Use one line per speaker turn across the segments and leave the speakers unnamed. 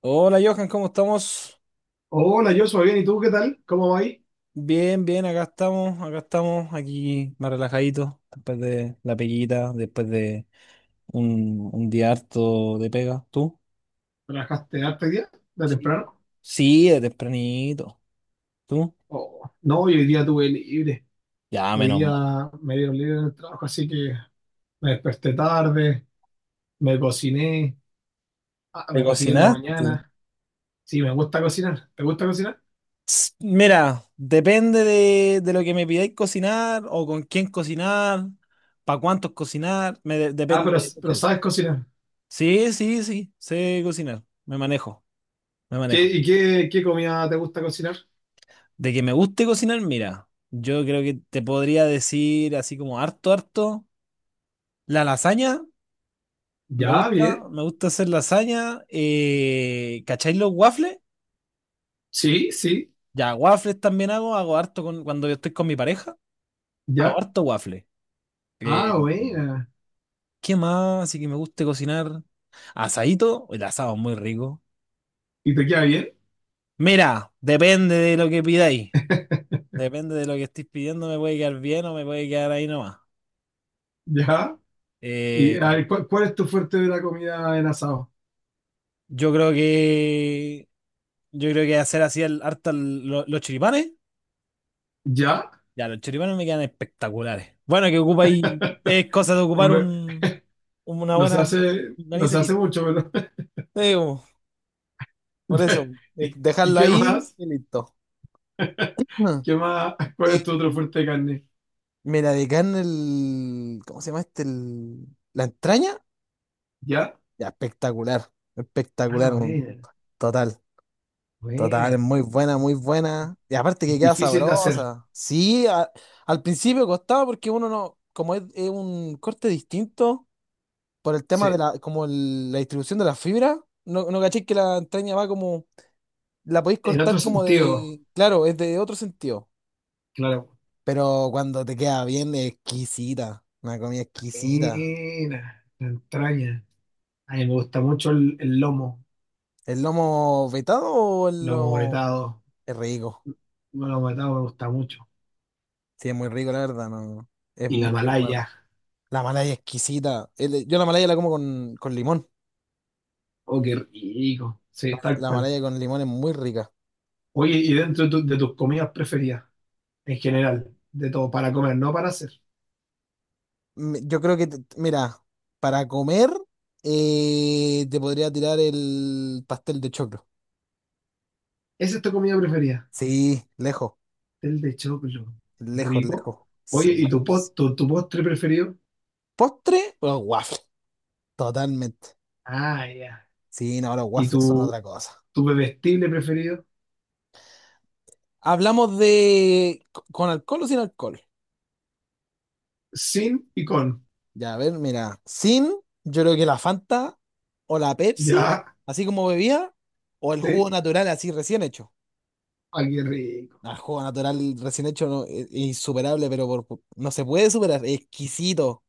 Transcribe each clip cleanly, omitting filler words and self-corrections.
Hola Johan, ¿cómo estamos?
Hola, yo soy bien. ¿Y tú qué tal? ¿Cómo va ahí?
Bien, bien, acá estamos, aquí más relajaditos, después de la peguita, después de un día harto de pega. ¿Tú?
¿Trabajaste harto hoy día? ¿De
Sí.
temprano?
Sí, de tempranito. ¿Tú?
Oh, no, hoy día tuve libre.
Ya,
Hoy
menos mal.
día me dieron libre en el trabajo, así que me desperté tarde, me cociné,
¿Te
me cociné en la
cocinaste?
mañana. Sí, me gusta cocinar. ¿Te gusta cocinar?
Ts, mira, depende de lo que me pidáis cocinar o con quién cocinar, para cuántos cocinar,
Ah, pero,
depende.
pero sabes cocinar.
Sí, sí, sí, sé cocinar, me manejo, me
¿Qué,
manejo.
y qué, qué comida te gusta cocinar?
De que me guste cocinar, mira, yo creo que te podría decir así como harto, harto. La lasaña,
Ya, bien.
me gusta hacer lasaña. ¿Cacháis los waffles?
Sí, sí,
Ya, waffles también hago, hago harto con, cuando yo estoy con mi pareja, hago
ya.
harto waffles. Eh,
Ah, buena.
¿Qué más? Así que me guste cocinar. Asadito, el asado es muy rico.
¿Y te queda bien?
Mira, depende de lo que pidáis. Depende de lo que estéis pidiendo, me puede quedar bien o me puede quedar ahí nomás.
Ya. ¿Y
Eh,
a ver, ¿cuál es tu fuerte de la comida en asado?
yo creo que Yo creo que hacer así el, harta el- lo- los choripanes.
Ya.
Ya, los choripanes me quedan espectaculares. Bueno, que ocupa ahí. Es cosa de ocupar una
Nos
buena
hace,
nariz
nos
y
hace
listo.
mucho, pero-
Sí, como, por eso.
¿Y
Dejarlo
qué
ahí
más?
y listo. Ah,
¿Qué más? ¿Cuál es
eh,
tu otro fuerte de carne?
mira, de carne el. ¿Cómo se llama este? La entraña.
¿Ya?
Ya, espectacular.
Ah,
Espectacular, un
buena,
total. Total, es
buena.
muy buena, muy buena. Y aparte que queda
Difícil de hacer.
sabrosa. Al principio costaba porque uno no, como es un corte distinto por el tema de
Sí.
como la distribución de la fibra, no caché que la entraña va como, la podéis
En otro
cortar como
sentido,
de, claro, es de otro sentido.
claro.
Pero cuando te queda bien, es exquisita, una comida exquisita.
Buena, la entraña. A mí me gusta mucho el lomo,
¿El lomo vetado o el
lomo
lomo?
vetado.
Es rico.
El lomo vetado me gusta mucho.
Sí, es muy rico, la verdad, no.
Y la
Es bueno.
malaya.
La malaya es exquisita. Yo la malaya la como con limón.
Oh, qué rico.
La,
Sí, tal
la
cual.
malaya con limón es muy rica.
Oye, y dentro de, tu- de tus comidas preferidas, en general, de todo, para comer, no para hacer.
Yo creo que, mira, para comer te podría tirar el pastel de choclo.
¿Esa es tu comida preferida?
Sí, lejos,
Pastel de choclo.
lejos,
Rico.
lejos.
Oye,
Se-
¿y tu, pos- tu postre preferido?
Postre, los waffles. Totalmente.
Ah, ya.
Sí, no, los
¿Y
waffles son
tu,
otra cosa.
tu bebestible preferido?
¿Con alcohol o sin alcohol?
Sin y con.
Ya, a ver, mira. Sin, yo creo que la Fanta o la Pepsi,
Ya,
así como bebía, o el jugo
sí.
natural así recién hecho.
Ah, qué rico.
Ah, el jugo natural recién hecho no, es insuperable, pero no se puede superar, es exquisito.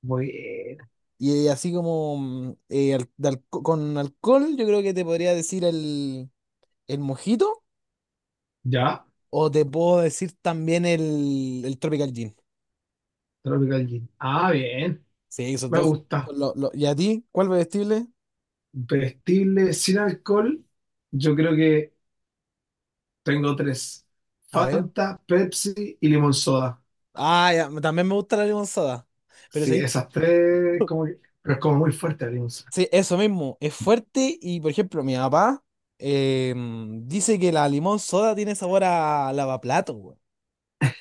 Bueno.
Y así como con alcohol, yo creo que te podría decir el mojito,
Ya,
o te puedo decir también el Tropical Gin.
Tropical Gin. Ah, bien.
Sí, esos
Me
dos.
gusta.
¿Y a ti? ¿Cuál vestible?
Bebestible sin alcohol. Yo creo que tengo tres.
A ver.
Fanta, Pepsi y limón soda.
Ah, ya, también me gusta la limonada. Pero es
Sí,
ahí.
esas tres, como que- pero es como muy fuerte el limón.
Sí, eso mismo, es fuerte y por ejemplo mi papá dice que la limón soda tiene sabor a lavaplato, weón.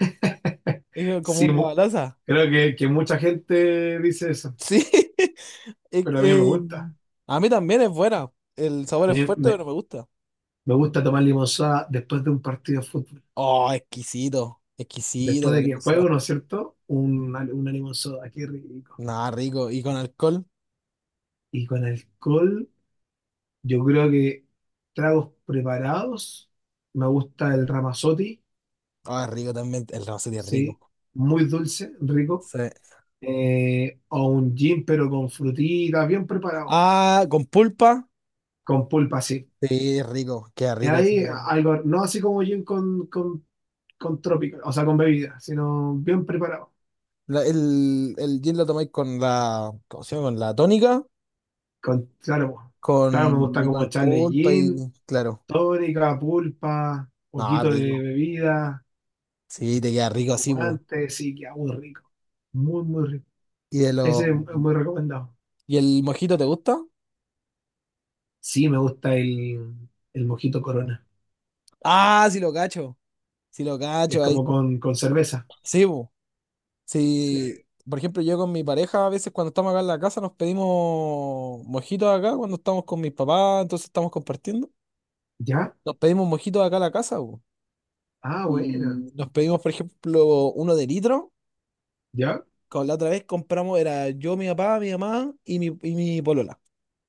Es como
Sí,
un
mu-
lavaloza.
creo que mucha gente dice eso,
Sí, es
pero a mí me
que,
gusta.
em, a mí también es buena, el sabor
A
es
mí
fuerte
me,
pero me gusta.
me gusta tomar limonada después de un partido de fútbol.
Oh, exquisito, exquisito
Después
la
de que
limón
juego,
soda.
¿no es cierto? Una limonada, qué rico.
Nada, rico, y con alcohol,
Y con alcohol, yo creo que tragos preparados. Me gusta el Ramazzotti,
ah, es rico también, el Rosé es rico.
sí, muy dulce, rico.
Sí.
O un gin, pero con frutitas, bien preparado,
Ah, con pulpa,
con pulpa, sí.
sí, es rico, queda rico. Sí.
Hay algo, no así como gin con con trópico, o sea, con bebida, sino bien preparado.
El gin lo tomáis con ¿cómo se llama? Con la tónica.
Con, claro, po. Claro, me
Con,
gusta
y
como
con
echarle
pulpa y
gin,
claro.
tónica, pulpa,
No,
poquito de
rico.
bebida,
Sí, te queda rico así, po.
espumante, sí, que muy rico. Muy, muy rico.
¿Y de los
Ese es muy recomendado.
¿Y el mojito te gusta?
Sí, me gusta el mojito Corona.
Ah, sí lo cacho. Sí lo
Es
cacho. Ahí.
como con cerveza.
Sí, po.
Sí.
Sí. Por ejemplo, yo con mi pareja, a veces cuando estamos acá en la casa, nos pedimos mojitos acá, cuando estamos con mis papás, entonces estamos compartiendo.
¿Ya?
Nos pedimos mojitos acá en la casa, po.
Ah, bueno.
Y nos pedimos, por ejemplo, uno de litro.
¿Ya?
Con la otra vez compramos, era yo, mi papá, mi mamá y mi polola.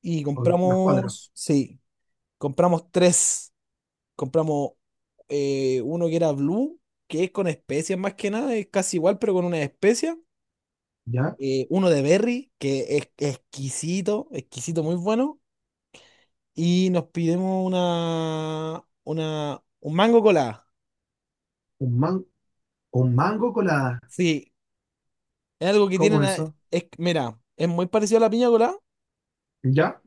Y
O- los cuadros.
compramos, sí, compramos tres. Compramos uno que era blue, que es con especias más que nada, es casi igual, pero con una especia.
¿Ya?
Uno de berry, que es exquisito, exquisito, muy bueno. Y nos pidimos un mango colada.
Un, man, un mango colada.
Sí, es algo que
¿Cómo
tienen,
es eso?
es, mira, es muy parecido a la piña colada
¿Ya?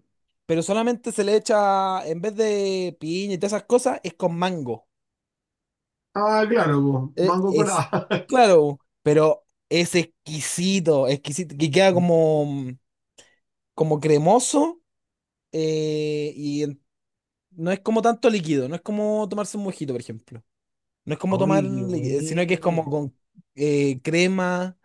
pero solamente se le echa, en vez de piña y todas esas cosas, es con mango.
Ah, claro, po,
Eh,
mango
Es,
colada.
claro, pero es exquisito, exquisito, que queda como, como cremoso eh, y en- no es como tanto líquido, no es como tomarse un mojito, por ejemplo. No es como tomar,
Oye, qué
li- sino que es como
bueno.
con crema,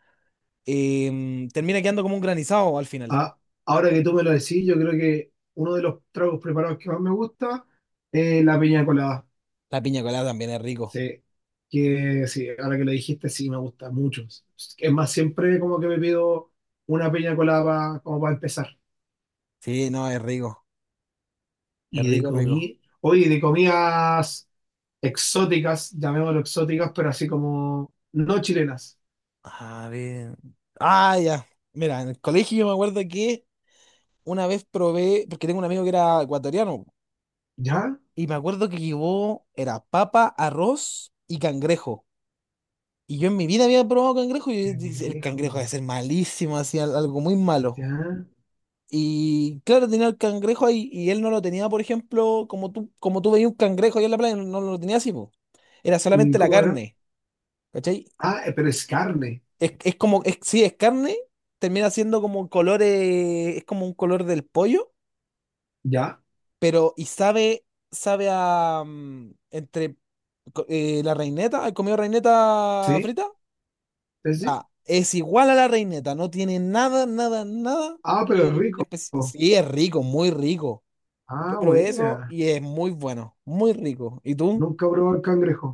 termina quedando como un granizado al final.
Ah, ahora que tú me lo decís, yo creo que uno de los tragos preparados que más me gusta es la piña colada.
La piña colada también es rico.
Sí, que sí, ahora que lo dijiste, sí, me gusta mucho. Es más, siempre como que me pido una piña colada pa- como para empezar.
Sí, no, es rico, es
Y de
rico, es rico.
comida, oye, de comidas exóticas, llamémoslo exóticas, pero así como no chilenas.
A ver. Ah, ya. Mira, en el colegio yo me acuerdo que una vez probé, porque tengo un amigo que era ecuatoriano,
¿Ya?
y me acuerdo que llevó, era papa, arroz y cangrejo. Y yo en mi vida había probado cangrejo y yo dije, el
Cangrejo,
cangrejo debe ser malísimo, hacía algo muy malo.
¿ya?
Y claro, tenía el cangrejo ahí y él no lo tenía, por ejemplo, como tú veías un cangrejo ahí en la playa, no, no lo tenía así, po. Era
¿Y
solamente la
cómo era?
carne, ¿cachai?
Ah, pero es carne,
Sí, es carne, termina siendo como colores, es como un color del pollo,
¿ya?
pero y sabe, sabe a, entre la reineta, ¿has comido reineta
Sí,
frita?
sí, sí.
Ya, es igual a la reineta, no tiene nada, nada, nada.
Ah, pero es rico.
Sí, es rico, muy rico. Yo
Ah,
probé eso
buena.
y es muy bueno, muy rico. ¿Y tú?
Nunca probé el cangrejo.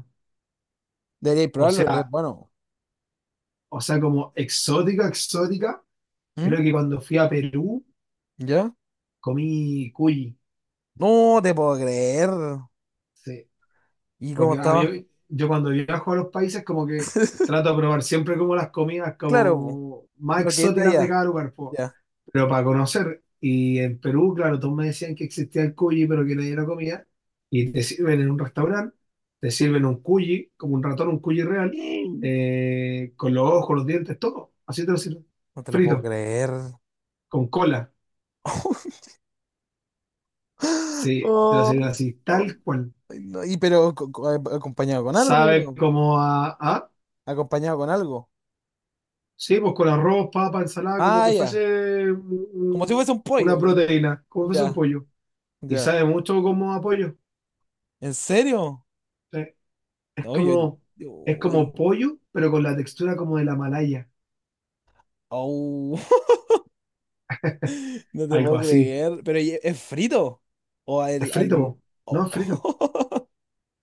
Deberías
O
probarlo, es
sea,
bueno.
o sea, como exótica, exótica.
¿Mm?
Creo que cuando fui a Perú
¿Ya?
comí cuy.
No te puedo creer.
Sí.
¿Y cómo
Porque a
estaba?
mí- yo cuando viajo a los países como que trato de probar siempre como las comidas
Claro, po.
como más
Lo que es de
exóticas de
allá.
cada lugar, po.
Ya.
Pero para conocer. Y en Perú, claro, todos me decían que existía el cuyi, pero que nadie lo comía. Y te sirven en un restaurante, te sirven un cuyi, como un ratón, un cuyi real, con los ojos, los dientes, todo. Así te lo sirven.
No te lo puedo
Frito,
creer.
con cola. Sí, te lo sirven
Oh,
así,
oh,
tal cual.
ay, no, y pero acompañado con algo, yo
Sabe
creo.
como a-
Acompañado con algo.
sí, pues con arroz, papa, ensalada, como
Ah,
que
ya.
fuese
Como si fuese un
una
pollo.
proteína, como fuese un
Ya,
pollo. Y
ya.
sabe mucho como a pollo.
¿En serio?
Sí. Es
No, yo-
como, es como
uy,
pollo, pero con la textura como de la malaya,
au, no te
algo
puedo
así.
creer. Pero ¿y ¿es frito? O al,
Es frito, po.
al-
No es frito.
oh.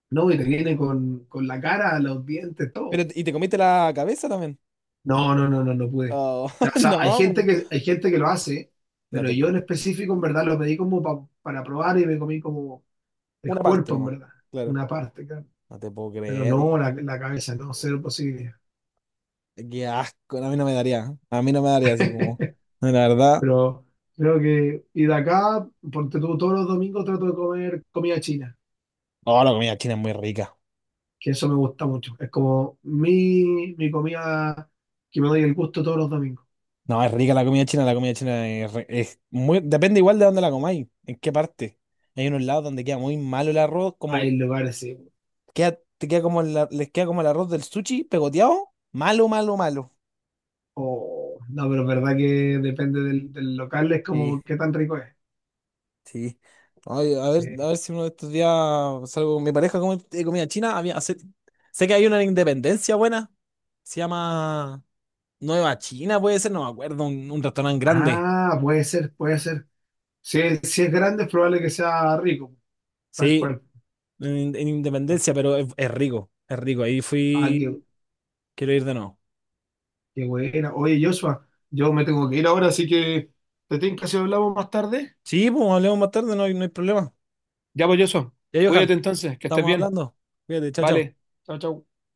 No, y te viene con la cara, los dientes,
Pero,
todo.
¿y te comiste la cabeza también?
No, no, no, no, no pude.
Oh,
O sea,
no,
hay gente que lo hace,
no
pero
te
yo en
puedo.
específico, en verdad, lo pedí como pa- para probar y me comí como el
Una parte
cuerpo, en
nomás.
verdad,
Claro.
una parte, claro.
No te puedo
Pero
creer.
no
Y,
la, la cabeza, no, cero posibilidad.
qué asco. No, a mí no me daría. ¿Eh? A mí no me daría así como. No, la verdad.
Pero creo que, y de acá, porque tú todos los domingos trato de comer comida china.
No, la comida china es muy rica.
Que eso me gusta mucho. Es como mi comida que me doy el gusto todos los domingos.
No, es rica la comida china. Es muy. Depende igual de dónde la comáis. En qué parte. Hay unos lados donde queda muy malo el arroz. Como
Hay lugares, sí.
queda, te queda como les queda como el arroz del sushi pegoteado. Malo, malo, malo.
Oh, no, pero es verdad que depende del, del local, es
Sí,
como qué tan rico es.
sí. Ay,
Sí.
a ver si uno de estos días salgo con mi pareja a comer comida china. Sé que hay una en Independencia buena. Se llama. Nueva China puede ser, no me acuerdo, un restaurante grande.
Ah, puede ser, puede ser. Si es, si es grande, es probable que sea rico, tal
Sí,
cual.
en Independencia, pero es rico, es rico. Ahí
Ah, qué,
fui, quiero ir de nuevo.
qué buena. Oye, Joshua, yo me tengo que ir ahora, así que te tengo que hacer hablamos más tarde.
Sí, pues hablemos más tarde, no hay, no hay problema.
Ya pues, Joshua,
Ya, Johan,
cuídate entonces, que estés
estamos
bien.
hablando. Cuídate, chao, chao.
Vale, chao, chao.